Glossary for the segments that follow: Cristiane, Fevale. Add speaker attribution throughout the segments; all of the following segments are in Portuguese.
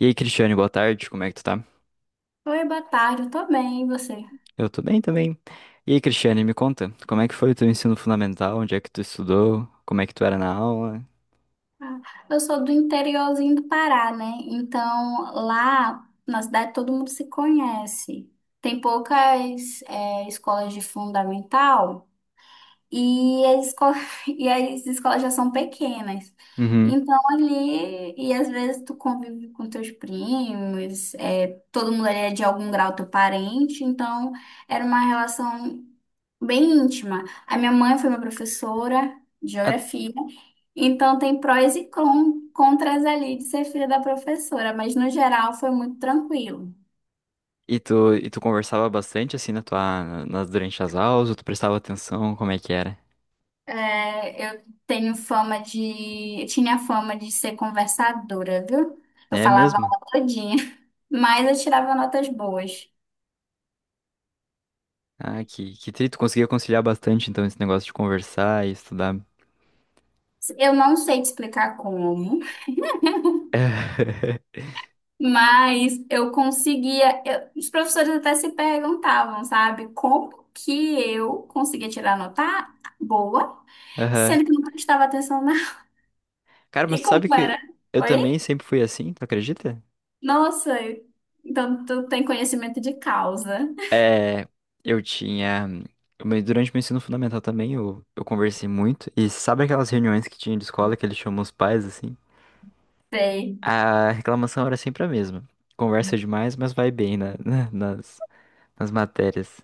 Speaker 1: E aí, Cristiane, boa tarde, como é que tu tá?
Speaker 2: Oi, boa tarde, eu tô bem, e você?
Speaker 1: Eu tô bem também. E aí, Cristiane, me conta, como é que foi o teu ensino fundamental? Onde é que tu estudou? Como é que tu era na aula?
Speaker 2: Ah, eu sou do interiorzinho do Pará, né? Então, lá na cidade todo mundo se conhece. Tem poucas escolas de fundamental e as, esco- e as escolas já são pequenas.
Speaker 1: Uhum.
Speaker 2: Então, ali, e às vezes tu convive com teus primos, todo mundo ali é de algum grau teu parente, então era uma relação bem íntima. A minha mãe foi minha professora de
Speaker 1: Ah,
Speaker 2: geografia. Então tem prós e contras ali de ser filha da professora, mas no geral foi muito tranquilo.
Speaker 1: e tu conversava bastante assim na tua, na- nas, durante as aulas, ou tu prestava atenção, como é que era?
Speaker 2: É, eu eu tinha fama de ser conversadora, viu? Eu
Speaker 1: É
Speaker 2: falava a
Speaker 1: mesmo?
Speaker 2: aula todinha, mas eu tirava notas boas.
Speaker 1: Ah, que tri, tu conseguia conciliar bastante então esse negócio de conversar e estudar.
Speaker 2: Eu não sei te explicar como, mas eu conseguia. Os professores até se perguntavam, sabe, como que eu conseguia tirar nota boa,
Speaker 1: Aham.
Speaker 2: sendo que eu não prestava atenção na.
Speaker 1: Cara, mas
Speaker 2: E
Speaker 1: tu sabe
Speaker 2: como era?
Speaker 1: que eu também
Speaker 2: Oi?
Speaker 1: sempre fui assim, tu acredita?
Speaker 2: Nossa, então tu tem conhecimento de causa.
Speaker 1: É, eu tinha. Mas durante o meu ensino fundamental também eu conversei muito. E sabe aquelas reuniões que tinha de escola que eles chamam os pais assim?
Speaker 2: Sei.
Speaker 1: A reclamação era sempre a mesma. Conversa demais, mas vai bem nas matérias.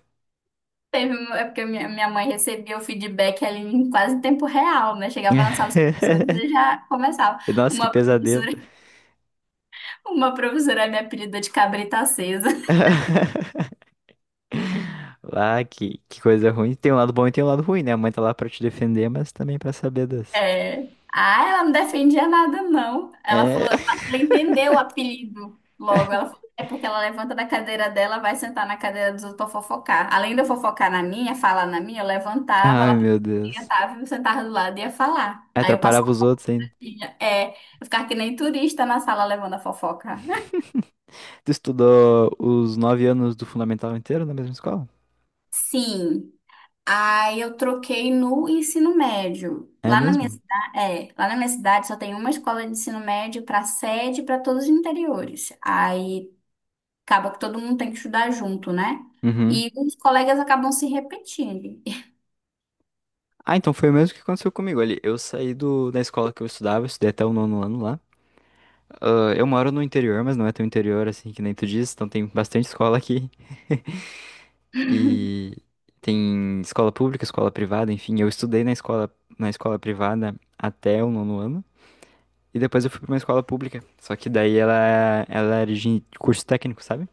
Speaker 2: É porque minha mãe recebia o feedback ali em quase tempo real, né? Chegava na sala dos professores e já começava.
Speaker 1: Nossa, que
Speaker 2: Uma
Speaker 1: pesadelo.
Speaker 2: professora, uma professora me apelida de cabrita acesa.
Speaker 1: Lá, que coisa ruim. Tem um lado bom e tem um lado ruim, né? A mãe tá lá pra te defender, mas também pra saber das.
Speaker 2: É. Ah, ela não defendia nada, não. Ela
Speaker 1: É.
Speaker 2: falou, ela entendeu o apelido logo. Ela falou, é porque ela levanta da cadeira dela, vai sentar na cadeira dos outros pra fofocar. Além de eu fofocar na minha, falar na minha, eu levantava,
Speaker 1: Ai,
Speaker 2: ela
Speaker 1: meu Deus.
Speaker 2: tava, eu sentava do lado e ia falar. Aí eu
Speaker 1: Atrapalhava
Speaker 2: passava,
Speaker 1: os
Speaker 2: a
Speaker 1: outros ainda.
Speaker 2: pilha. Eu ficava que nem turista na sala levando a fofoca.
Speaker 1: Tu estudou os 9 anos do fundamental inteiro na mesma escola?
Speaker 2: Sim. Aí eu troquei no ensino médio.
Speaker 1: É mesmo?
Speaker 2: Lá na minha cidade só tem uma escola de ensino médio para sede e para todos os interiores. Aí acaba que todo mundo tem que estudar junto, né?
Speaker 1: Uhum.
Speaker 2: E os colegas acabam se repetindo.
Speaker 1: Ah, então foi o mesmo que aconteceu comigo ali. Eu saí da escola que eu estudava, eu estudei até o nono ano lá. Ah, eu moro no interior, mas não é tão interior assim que nem tu diz, então tem bastante escola aqui. E tem escola pública, escola privada, enfim, eu estudei na escola privada até o nono ano. E depois eu fui pra uma escola pública. Só que daí ela era de curso técnico, sabe?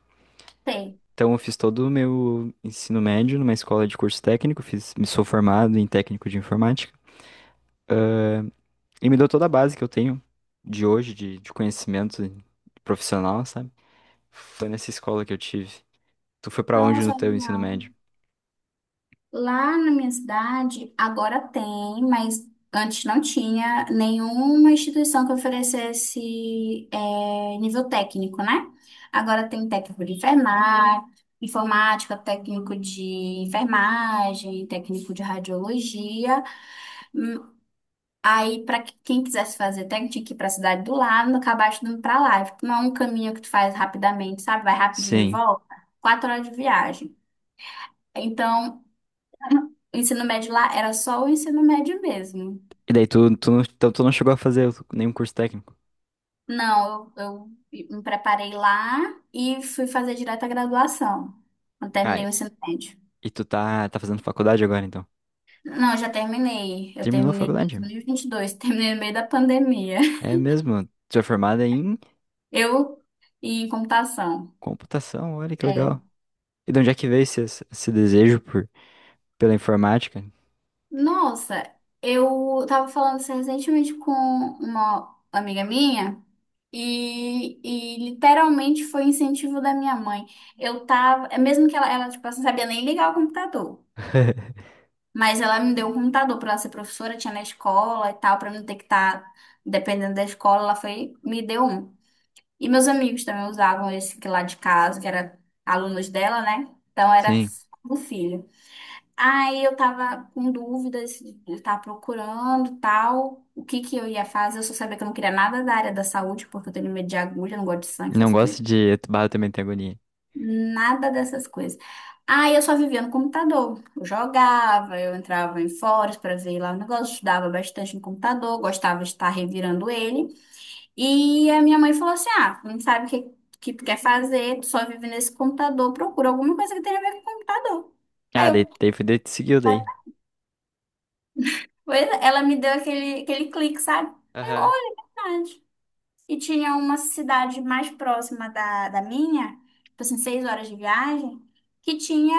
Speaker 2: Tem.
Speaker 1: Então, eu fiz todo o meu ensino médio numa escola de curso técnico, fiz, me sou formado em técnico de informática e me deu toda a base que eu tenho de hoje, de conhecimento profissional, sabe? Foi nessa escola que eu tive. Tu foi pra onde no
Speaker 2: Nossa,
Speaker 1: teu ensino
Speaker 2: legal.
Speaker 1: médio?
Speaker 2: Lá na minha cidade, agora tem, mas antes não tinha nenhuma instituição que oferecesse nível técnico, né? Agora tem técnico de enfermagem, informática, técnico de enfermagem, técnico de radiologia. Hum, Aí, para quem quisesse fazer técnico, tinha que ir para a cidade do lado, acabaste indo para lá. Tipo, não é um caminho que tu faz rapidamente, sabe? Vai rapidinho e
Speaker 1: Sim.
Speaker 2: volta. 4 horas de viagem. Então, o ensino médio lá era só o ensino médio mesmo.
Speaker 1: E daí tu, tu, não- então, tu não chegou a fazer nenhum curso técnico?
Speaker 2: Não, eu me preparei lá e fui fazer direto a graduação. Não
Speaker 1: Ah,
Speaker 2: terminei o ensino médio.
Speaker 1: e tu tá fazendo faculdade agora, então?
Speaker 2: Não, eu já terminei. Eu
Speaker 1: Terminou a
Speaker 2: terminei em
Speaker 1: faculdade?
Speaker 2: 2022, terminei no meio da pandemia.
Speaker 1: É mesmo? Tu é formada em
Speaker 2: Eu em computação.
Speaker 1: computação, olha que
Speaker 2: É.
Speaker 1: legal. E de onde é que veio esse desejo pela informática?
Speaker 2: Nossa, eu tava falando isso recentemente com uma amiga minha e literalmente foi incentivo da minha mãe. Eu tava, é mesmo que ela tipo, assim, não sabia nem ligar o computador. Mas ela me deu um computador para ela ser professora, tinha na escola e tal, para não ter que estar dependendo da escola, ela foi, me deu um. E meus amigos também usavam esse que lá de casa, que era alunos dela, né? Então era
Speaker 1: Sim.
Speaker 2: do filho. Aí eu tava com dúvidas, eu tava procurando tal, o que que eu ia fazer. Eu só sabia que eu não queria nada da área da saúde, porque eu tenho medo de agulha, não gosto de sangue,
Speaker 1: Não
Speaker 2: essas coisas.
Speaker 1: gosto de barro também tem agonia.
Speaker 2: Nada dessas coisas. Aí eu só vivia no computador. Eu jogava, eu entrava em fóruns para ver lá o negócio, estudava bastante no computador, gostava de estar revirando ele. E a minha mãe falou assim: Ah, não sabe o que, que tu quer fazer, tu só vive nesse computador, procura alguma coisa que tenha a ver com computador. Aí
Speaker 1: Ah, daí,
Speaker 2: eu,
Speaker 1: daí foi daí que tu seguiu
Speaker 2: "Tá."
Speaker 1: daí.
Speaker 2: Pois é, ela me deu aquele clique, sabe? Aí eu,
Speaker 1: Aham.
Speaker 2: olha, é verdade. E tinha uma cidade mais próxima da minha, tipo assim, 6 horas de viagem, que tinha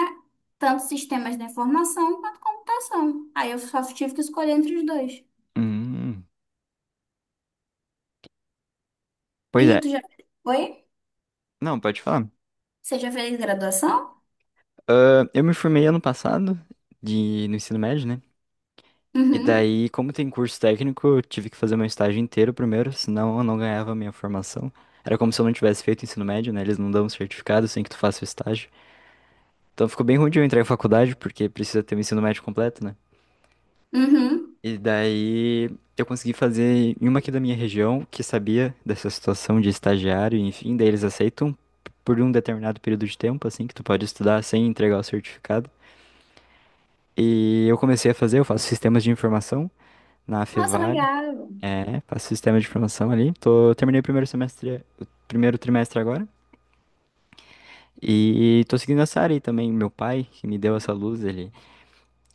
Speaker 2: tanto sistemas de informação quanto computação. Aí eu só tive que escolher entre os dois.
Speaker 1: Hum, pois
Speaker 2: E
Speaker 1: é.
Speaker 2: tu já foi?
Speaker 1: Não, pode falar.
Speaker 2: Você já fez graduação?
Speaker 1: Ah, eu me formei ano passado no ensino médio, né? E
Speaker 2: Uhum.
Speaker 1: daí, como tem curso técnico, eu tive que fazer meu estágio inteiro primeiro, senão eu não ganhava a minha formação. Era como se eu não tivesse feito ensino médio, né? Eles não dão um certificado sem que tu faça o estágio. Então ficou bem ruim de eu entrar em faculdade, porque precisa ter o ensino médio completo, né?
Speaker 2: Uhum.
Speaker 1: E daí eu consegui fazer em uma aqui da minha região, que sabia dessa situação de estagiário, enfim, daí eles aceitam por um determinado período de tempo, assim, que tu pode estudar sem entregar o certificado. E eu comecei a fazer, eu faço sistemas de informação na
Speaker 2: Nossa,
Speaker 1: Fevale,
Speaker 2: legal.
Speaker 1: faço sistema de informação ali. Eu terminei o primeiro semestre, o primeiro trimestre agora. E tô seguindo essa área aí também. Meu pai, que me deu essa luz, ele,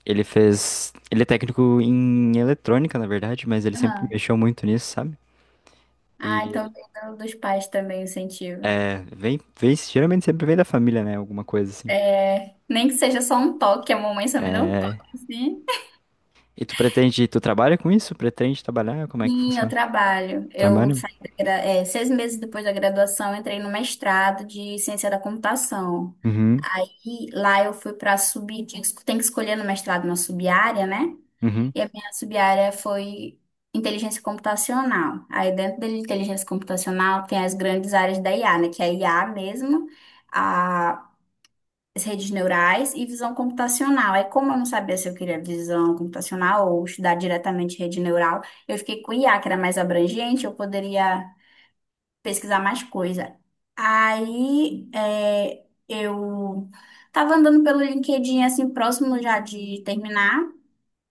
Speaker 1: ele fez. Ele é técnico em eletrônica, na verdade, mas ele sempre
Speaker 2: Aham.
Speaker 1: mexeu muito nisso, sabe?
Speaker 2: Ah,
Speaker 1: E
Speaker 2: então tem dos pais também o incentivo.
Speaker 1: vem, geralmente sempre vem da família, né? Alguma coisa assim.
Speaker 2: É, nem que seja só um toque, a mamãe só me deu um toque, assim.
Speaker 1: E tu pretende, tu trabalha com isso? Pretende trabalhar? Como é que
Speaker 2: Sim, eu
Speaker 1: funciona?
Speaker 2: trabalho. Eu
Speaker 1: Trabalha?
Speaker 2: saí da 6 meses depois da graduação, eu entrei no mestrado de ciência da computação.
Speaker 1: Uhum,
Speaker 2: Aí lá eu fui para sub, tem que escolher no mestrado uma sub-área, né?
Speaker 1: uhum.
Speaker 2: E a minha sub-área foi inteligência computacional. Aí dentro da inteligência computacional tem as grandes áreas da IA, né? Que é a IA mesmo, as redes neurais e visão computacional. Aí, como eu não sabia se eu queria visão computacional ou estudar diretamente rede neural, eu fiquei com o IA, que era mais abrangente, eu poderia pesquisar mais coisa. Aí, eu estava andando pelo LinkedIn, assim, próximo já de terminar.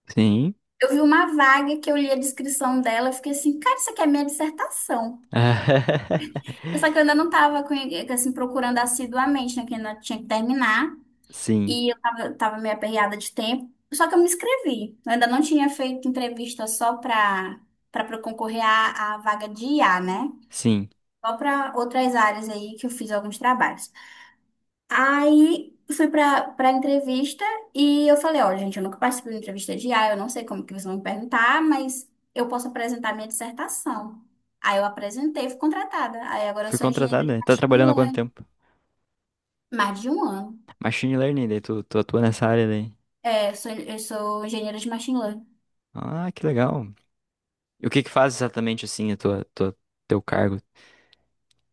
Speaker 1: Sim.
Speaker 2: Eu vi uma vaga que eu li a descrição dela, eu fiquei assim, cara, isso aqui é minha dissertação. Só que eu ainda não estava assim, procurando assiduamente, né? Que ainda tinha que terminar.
Speaker 1: Sim,
Speaker 2: E eu tava meio aperreada de tempo. Só que eu me inscrevi. Eu ainda não tinha feito entrevista só para concorrer à vaga de IA, né?
Speaker 1: sim.
Speaker 2: Só para outras áreas aí que eu fiz alguns trabalhos. Aí fui para entrevista e eu falei, ó, gente, eu nunca participei de entrevista de IA, eu não sei como que vocês vão me perguntar, mas eu posso apresentar minha dissertação. Aí eu apresentei, e fui contratada. Aí agora eu
Speaker 1: Fui
Speaker 2: sou
Speaker 1: contratado,
Speaker 2: engenheira de
Speaker 1: né? Tá
Speaker 2: machine
Speaker 1: trabalhando há quanto
Speaker 2: learning,
Speaker 1: tempo?
Speaker 2: mais de um ano.
Speaker 1: Machine Learning, daí tu atua nessa área daí.
Speaker 2: É, eu sou engenheira de machine learning.
Speaker 1: Ah, que legal. E o que que faz exatamente assim a teu cargo?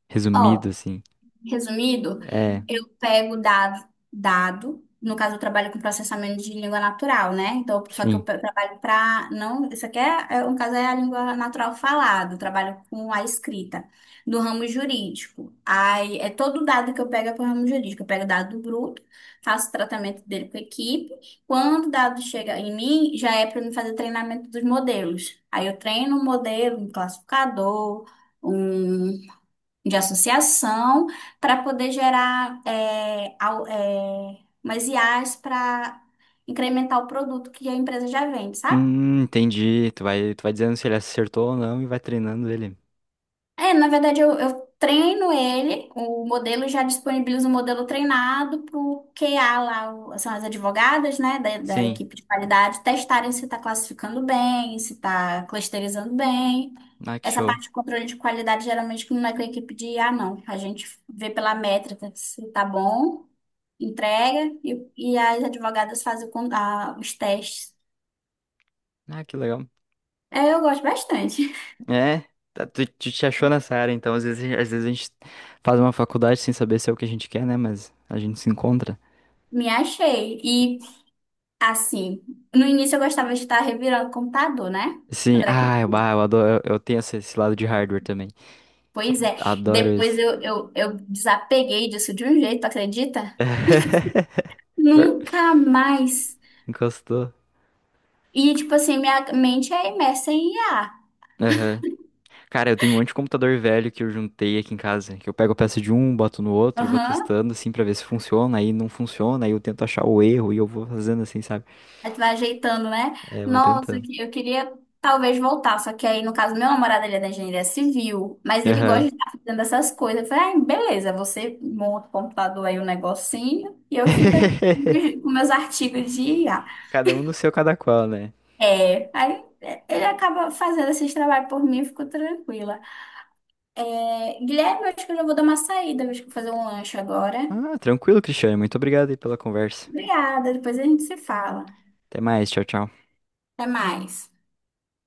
Speaker 1: Resumido,
Speaker 2: Ó,
Speaker 1: assim.
Speaker 2: resumido,
Speaker 1: É,
Speaker 2: eu pego dado, no caso eu trabalho com processamento de língua natural, né? Então, só que eu
Speaker 1: sim.
Speaker 2: trabalho para não, isso aqui é, no caso é a língua natural falada, eu trabalho com a escrita do ramo jurídico. Aí é todo dado que eu pego é para o ramo jurídico, eu pego dado bruto, faço tratamento dele com a equipe. Quando o dado chega em mim, já é para mim fazer treinamento dos modelos. Aí eu treino um modelo, um classificador, um de associação para poder gerar umas IAs para incrementar o produto que a empresa já vende, sabe?
Speaker 1: Entendi. Tu vai dizendo se ele acertou ou não e vai treinando ele.
Speaker 2: É, na verdade, eu treino ele, o modelo já disponibiliza o modelo treinado para o QA lá, são as advogadas, né, da
Speaker 1: Sim.
Speaker 2: equipe de qualidade, testarem se está classificando bem, se está clusterizando bem.
Speaker 1: Ah, que
Speaker 2: Essa
Speaker 1: show.
Speaker 2: parte de controle de qualidade geralmente não é com a equipe de IA, não. A gente vê pela métrica se está bom, entrega, e as advogadas fazem os testes.
Speaker 1: Ah, que legal.
Speaker 2: É, eu gosto bastante.
Speaker 1: É, tá, tu te achou nessa área, então às vezes, às vezes a gente faz uma faculdade sem saber se é o que a gente quer, né? Mas a gente se encontra.
Speaker 2: Me achei. E assim, no início eu gostava de estar revirando o computador, né?
Speaker 1: Sim,
Speaker 2: Quando era
Speaker 1: ah,
Speaker 2: criança.
Speaker 1: bah, eu adoro, eu tenho esse lado de hardware também.
Speaker 2: Pois é.
Speaker 1: Adoro
Speaker 2: Depois
Speaker 1: isso.
Speaker 2: eu desapeguei disso de um jeito, tu acredita? Nunca mais.
Speaker 1: Encostou.
Speaker 2: E, tipo assim, minha mente é imersa em IA.
Speaker 1: Aham. Cara, eu tenho um monte de computador velho que eu juntei aqui em casa, que eu pego a peça de um, boto no outro e vou
Speaker 2: Aham.
Speaker 1: testando assim pra ver se funciona, aí não funciona, aí eu tento achar o erro e eu vou fazendo assim, sabe?
Speaker 2: Aí tu vai ajeitando, né?
Speaker 1: É, vou
Speaker 2: Nossa,
Speaker 1: tentando.
Speaker 2: eu queria talvez voltar. Só que aí, no caso, meu namorado, ele é da engenharia civil, mas ele gosta
Speaker 1: Aham.
Speaker 2: de estar fazendo essas coisas. Eu falei, ah, beleza, você monta o computador aí, um negocinho, e eu fico aqui com meus com meus artigos de IA.
Speaker 1: Cada um no seu, cada qual, né?
Speaker 2: É, aí é, ele acaba fazendo esses trabalhos por mim, eu fico tranquila. É, Guilherme, eu acho que eu já vou dar uma saída, eu acho que vou fazer um lanche agora.
Speaker 1: Ah, tranquilo, Cristiane. Muito obrigado aí pela conversa.
Speaker 2: Obrigada, depois a gente se fala.
Speaker 1: Até mais. Tchau, tchau.
Speaker 2: Até mais.